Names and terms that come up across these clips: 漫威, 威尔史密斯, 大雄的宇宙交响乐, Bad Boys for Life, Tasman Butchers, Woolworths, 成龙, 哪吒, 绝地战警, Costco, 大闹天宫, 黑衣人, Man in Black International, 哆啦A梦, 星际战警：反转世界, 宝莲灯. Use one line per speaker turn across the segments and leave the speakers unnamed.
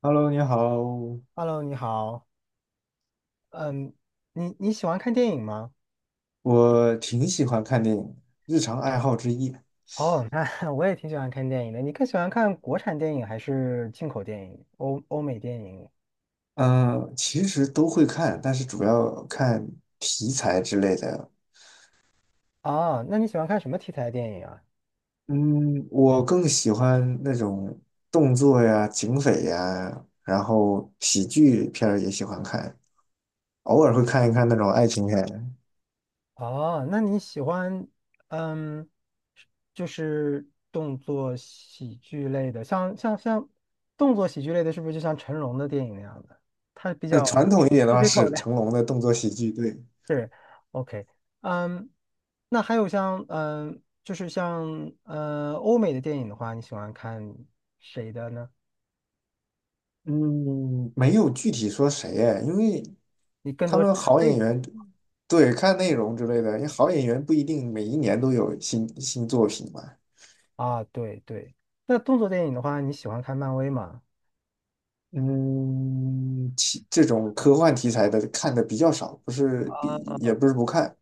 Hello，你好，
Hello，你好。嗯，你喜欢看电影吗？
我挺喜欢看电影的，日常爱好之一。
哦，那 我也挺喜欢看电影的。你更喜欢看国产电影还是进口电影、欧美电影？
嗯，其实都会看，但是主要看题材之类的。
哦，那你喜欢看什么题材的电影啊？
嗯，我更喜欢那种动作呀、警匪呀，然后喜剧片儿也喜欢看，偶尔会看一看那种爱情片。
哦，那你喜欢嗯，就是动作喜剧类的，像动作喜剧类的，是不是就像成龙的电影那样的？他比
那
较
传统一点的
特
话
别口
是
的
成龙的动作喜剧，对。
是，OK，嗯，那还有像，嗯，就是像，嗯，欧美的电影的话，你喜欢看谁的呢？
嗯，没有具体说谁哎，因为
你更
他
多是
们
看
好
类
演
别
员，对，看内容之类的，因为好演员不一定每一年都有新作品嘛。
啊，对对。那动作电影的话，你喜欢看漫威吗？
嗯，其这种科幻题材的看的比较少，不是比
啊，
也不是不看，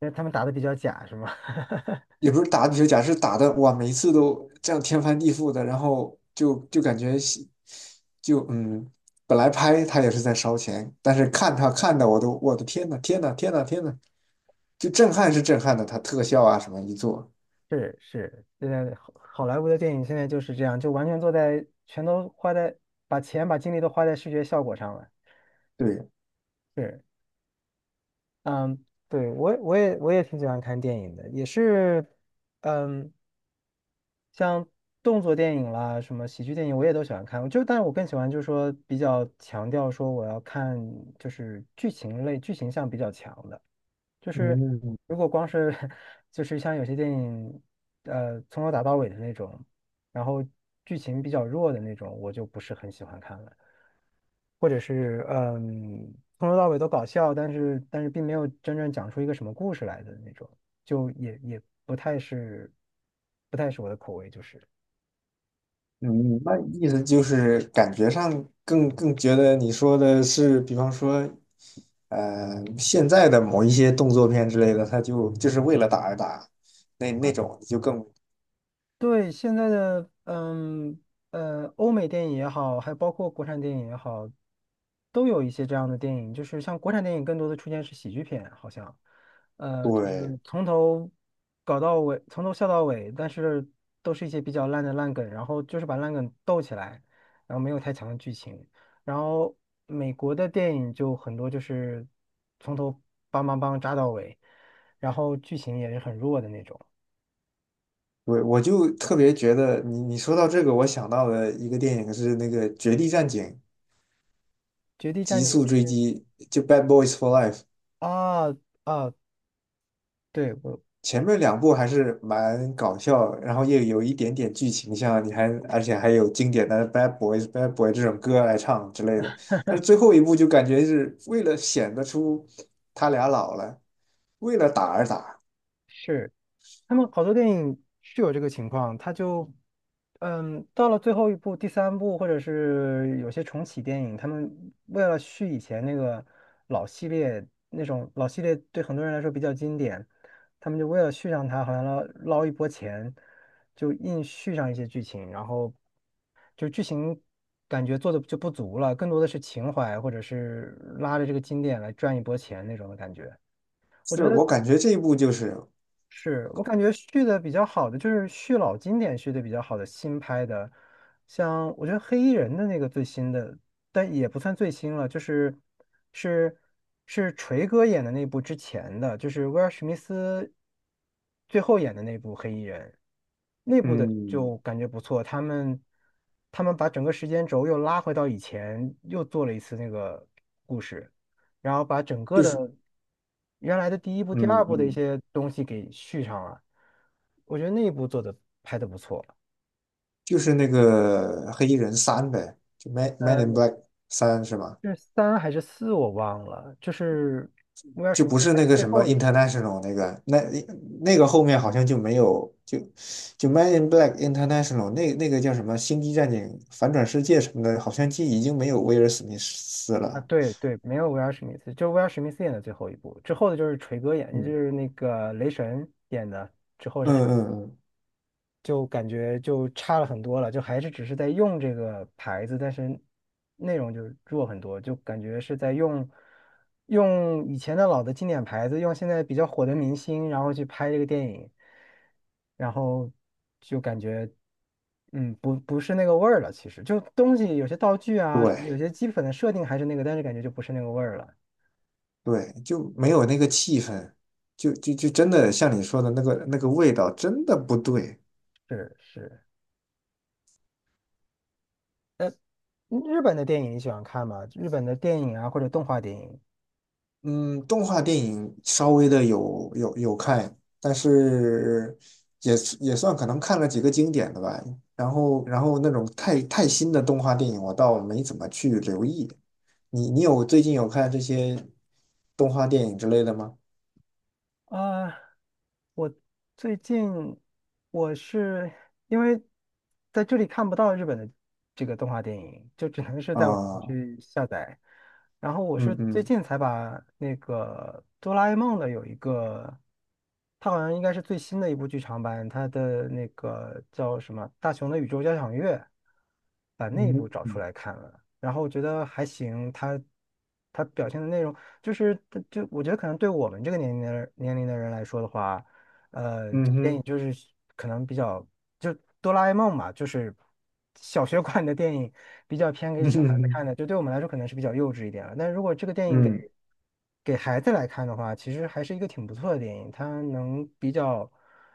因为他们打的比较假，是吗？
也不是打比如假设打的哇，每一次都这样天翻地覆的，然后就感觉喜就嗯，本来拍他也是在烧钱，但是看他看的我的天呐天呐天呐天呐，就震撼是震撼的，它特效啊什么一做，
是是，现在好莱坞的电影现在就是这样，就完全坐在，全都花在，把钱把精力都花在视觉效果上了。
对。
是，嗯，对，我也挺喜欢看电影的，也是，嗯。像动作电影啦，什么喜剧电影，我也都喜欢看。就，但是我更喜欢就是说比较强调说我要看就是剧情类，剧情向比较强的。就是
嗯，
如果光是 就是像有些电影，从头打到尾的那种，然后剧情比较弱的那种，我就不是很喜欢看了。或者是从头到尾都搞笑，但是并没有真正讲出一个什么故事来的那种，就也不太是不太是我的口味，就是。
嗯，那意思就是感觉上更觉得你说的是，比方说，现在的某一些动作片之类的，它就是为了打而打，那那种就更
对，现在的欧美电影也好，还包括国产电影也好，都有一些这样的电影。就是像国产电影更多的出现是喜剧片，好像，就是
对。
从头搞到尾，从头笑到尾，但是都是一些比较烂的烂梗，然后就是把烂梗逗起来，然后没有太强的剧情。然后美国的电影就很多就是从头梆梆梆扎到尾，然后剧情也是很弱的那种。
我就特别觉得你说到这个，我想到了一个电影是那个《绝地战警：
《绝地战
极
警》
速追击》，就《Bad Boys for Life》。
啊啊，对，我
前面两部还是蛮搞笑，然后又有一点点剧情，像你还而且还有经典的《Bad Boys》《Bad Boy》这种歌来唱之类的。但是最后一部就感觉是为了显得出他俩老了，为了打而打。
是他们好多电影是有这个情况，他就嗯，到了最后一部、第三部，或者是有些重启电影，他们为了续以前那个老系列，那种老系列对很多人来说比较经典，他们就为了续上它，好像捞捞一波钱，就硬续上一些剧情，然后就剧情感觉做的就不足了，更多的是情怀或者是拉着这个经典来赚一波钱那种的感觉。我觉
是，
得
我感觉这一部就是，
是我感觉续的比较好的就是续老经典续的比较好的新拍的，像我觉得黑衣人的那个最新的，但也不算最新了，就是是是锤哥演的那部之前的，就是威尔史密斯最后演的那部黑衣人。内部的
嗯，
就感觉不错，他们他们把整个时间轴又拉回到以前，又做了一次那个故事，然后把整
就
个的
是
原来的第一部、第二
嗯
部的一
嗯，
些东西给续上了。我觉得那一部做的拍的不错，
就是那个黑衣人三呗，就《Man Man
呃，
in Black 三》是吗？
是三还是四我忘了，就是威尔
就
史密
不
斯
是
拍的
那个
最
什么
后一部
international 那个，那那个后面好像就没有，就就 Man in Black International 那那个叫什么《星际战警：反转世界》什么的，好像就已经没有威尔史密斯
啊，
了。
对对，没有威尔史密斯，就是威尔史密斯演的最后一部，之后的就是锤哥演，就
嗯
是那个雷神演的，之后是他。
嗯嗯嗯，
就感觉就差了很多了，就还是只是在用这个牌子，但是内容就弱很多，就感觉是在用用以前的老的经典牌子，用现在比较火的明星，然后去拍这个电影，然后就感觉不是那个味儿了。其实就东西有些道具啊，什么有
对
些基本的设定还是那个，但是感觉就不是那个味儿了。
对，就没有那个气氛，就真的像你说的那个那个味道，真的不对。
是是，日本的电影你喜欢看吗？日本的电影啊，或者动画电影？
嗯，动画电影稍微的有看，但是也是也算可能看了几个经典的吧。然后那种太新的动画电影，我倒没怎么去留意。你有最近有看这些动画电影之类的吗？
啊，我最近我是因为在这里看不到日本的这个动画电影，就只能是在网上
啊，
去下载。然后我
嗯
是最
嗯
近才把那个哆啦 A 梦的有一个，它好像应该是最新的一部剧场版，它的那个叫什么《大雄的宇宙交响乐》，把那一部
嗯
找出来看了。然后我觉得还行，他他表现的内容就是它就我觉得可能对我们这个年龄的人年龄的人来说的话，这
嗯哼，
电影
嗯
就是可能比较就哆啦 A 梦嘛，就是小学馆的电影比较偏
哼，
给 小孩子看
嗯
的，就对我们来说可能是比较幼稚一点了。但如果这个电影给
嗯
给孩子来看的话，其实还是一个挺不错的电影，它能比较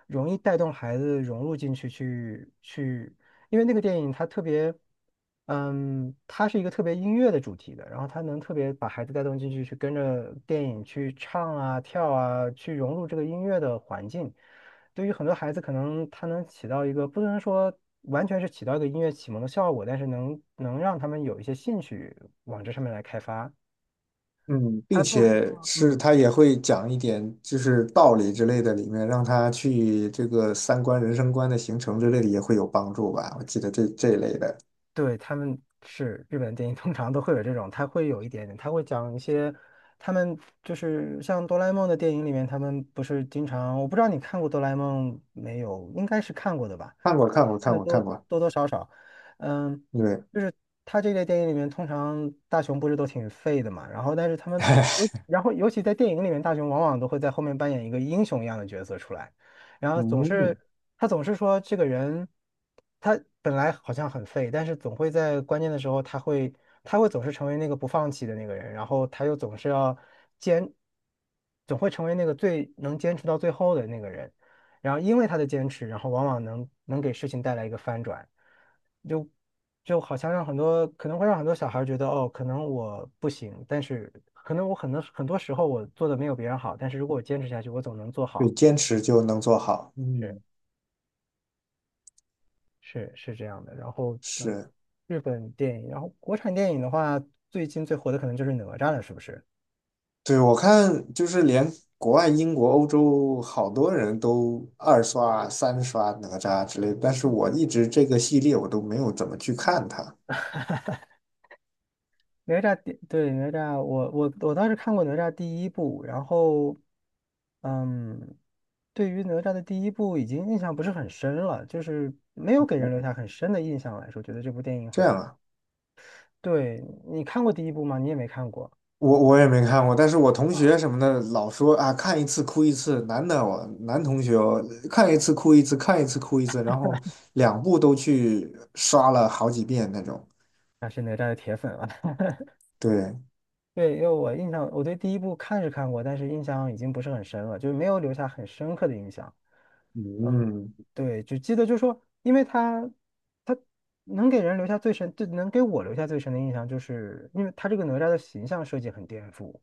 容易带动孩子融入进去。因为那个电影它特别，嗯，它是一个特别音乐的主题的，然后它能特别把孩子带动进去，去跟着电影去唱啊、跳啊，去融入这个音乐的环境。对于很多孩子，可能它能起到一个不能说完全是起到一个音乐启蒙的效果，但是能让他们有一些兴趣往这上面来开发。
嗯，
它
并
作为一个，
且是
嗯。
他也会讲一点就是道理之类的，里面让他去这个三观、人生观的形成之类的也会有帮助吧。我记得这一类的，
对，他们是日本电影，通常都会有这种，他会有一点点，他会讲一些，他们就是像哆啦 A 梦的电影里面，他们不是经常，我不知道你看过哆啦 A 梦没有，应该是看过的吧，
看过，看过，
看
看
的
过，
多
看过。
多多少少，嗯，
对，
就是他这类电影里面，通常大雄不是都挺废的嘛，然后但是他们尤然后尤其在电影里面，大雄往往都会在后面扮演一个英雄一样的角色出来。然后总
嗯，
是他总是说这个人，他本来好像很废，但是总会在关键的时候，他会总是成为那个不放弃的那个人，然后他又总是要坚，总会成为那个最能坚持到最后的那个人。然后因为他的坚持，然后往往能给事情带来一个翻转，就就好像让很多可能会让很多小孩觉得哦，可能我不行，但是可能我很多很多时候我做的没有别人好，但是如果我坚持下去，我总能做
对，
好。
坚持就能做好。
是。
嗯，
是是这样的。然后对
是，
日本电影，然后国产电影的话，最近最火的可能就是哪吒了，是不是？
对，我看就是连国外英国、欧洲好多人都二刷、三刷哪吒之类的，但是
嗯
我一直这个系列我都没有怎么去看它。
哪吒第对哪吒，我倒是看过哪吒第一部，然后嗯，对于哪吒的第一部已经印象不是很深了，就是没有给人留下很深的印象来说，觉得这部电影好
这
像
样啊。
对你看过第一部吗？你也没看过，
我也没看过，但是我同学什么的老说啊，看一次哭一次，男的我男同学哦，看一次哭一次，看一次哭一次，然后两部都去刷了好几遍那种。
那是哪吒的铁粉了。
对，
对，因为我印象，我对第一部看是看过，但是印象已经不是很深了，就是没有留下很深刻的印象。嗯，
嗯
对，只记得就是说，因为他他能给人留下最深，就能给我留下最深的印象，就是因为他这个哪吒的形象设计很颠覆，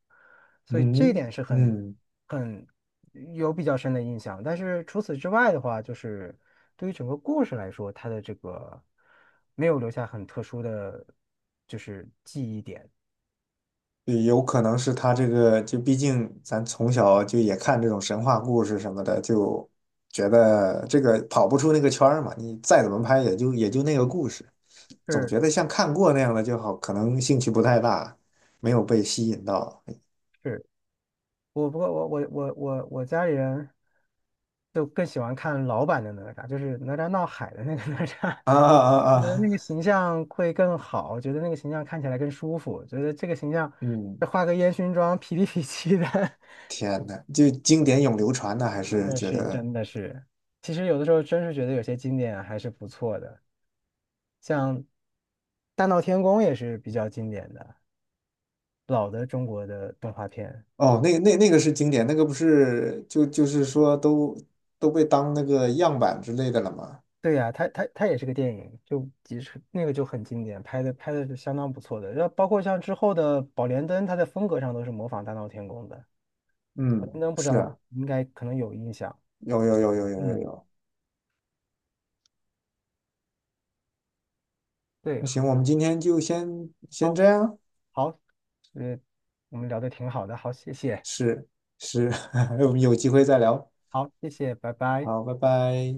所以这一
嗯
点是很
嗯，
很有比较深的印象。但是除此之外的话，就是对于整个故事来说，它的这个没有留下很特殊的就是记忆点。
对有可能是他这个，就毕竟咱从小就也看这种神话故事什么的，就觉得这个跑不出那个圈儿嘛，你再怎么拍也就那个故事。总
是
觉得像看过那样的就好，可能兴趣不太大，没有被吸引到。
是。我不过我家里人就更喜欢看老版的哪吒，就是哪吒闹海的那个 哪吒，
啊啊 啊！
我觉得那
啊
个形象会更好，觉得那个形象看起来更舒服，觉得这个形象
嗯，
再画个烟熏妆，痞里痞气的，
天呐，就经典永流传的，还是
那
觉
是
得
真的是，其实有的时候真是觉得有些经典还是不错的，像《大闹天宫》也是比较经典的老的中国的动画片。
哦，那个那那个是经典，那个不是就是说都都被当那个样板之类的了吗？
对呀、它也是个电影，就即使那个就很经典，拍的是相当不错的。然后包括像之后的《宝莲灯》，它在风格上都是模仿《大闹天宫》的。《宝
嗯，
莲灯》不知
是
道你
啊，
应该可能有印象，
有有有有有有
嗯，
有。
对，
那行，我们今天就先
好，
这样，
好，呃，我们聊的挺好的，好，谢谢，
是是，我们有机会再聊。
好，谢谢，拜拜。
好，拜拜。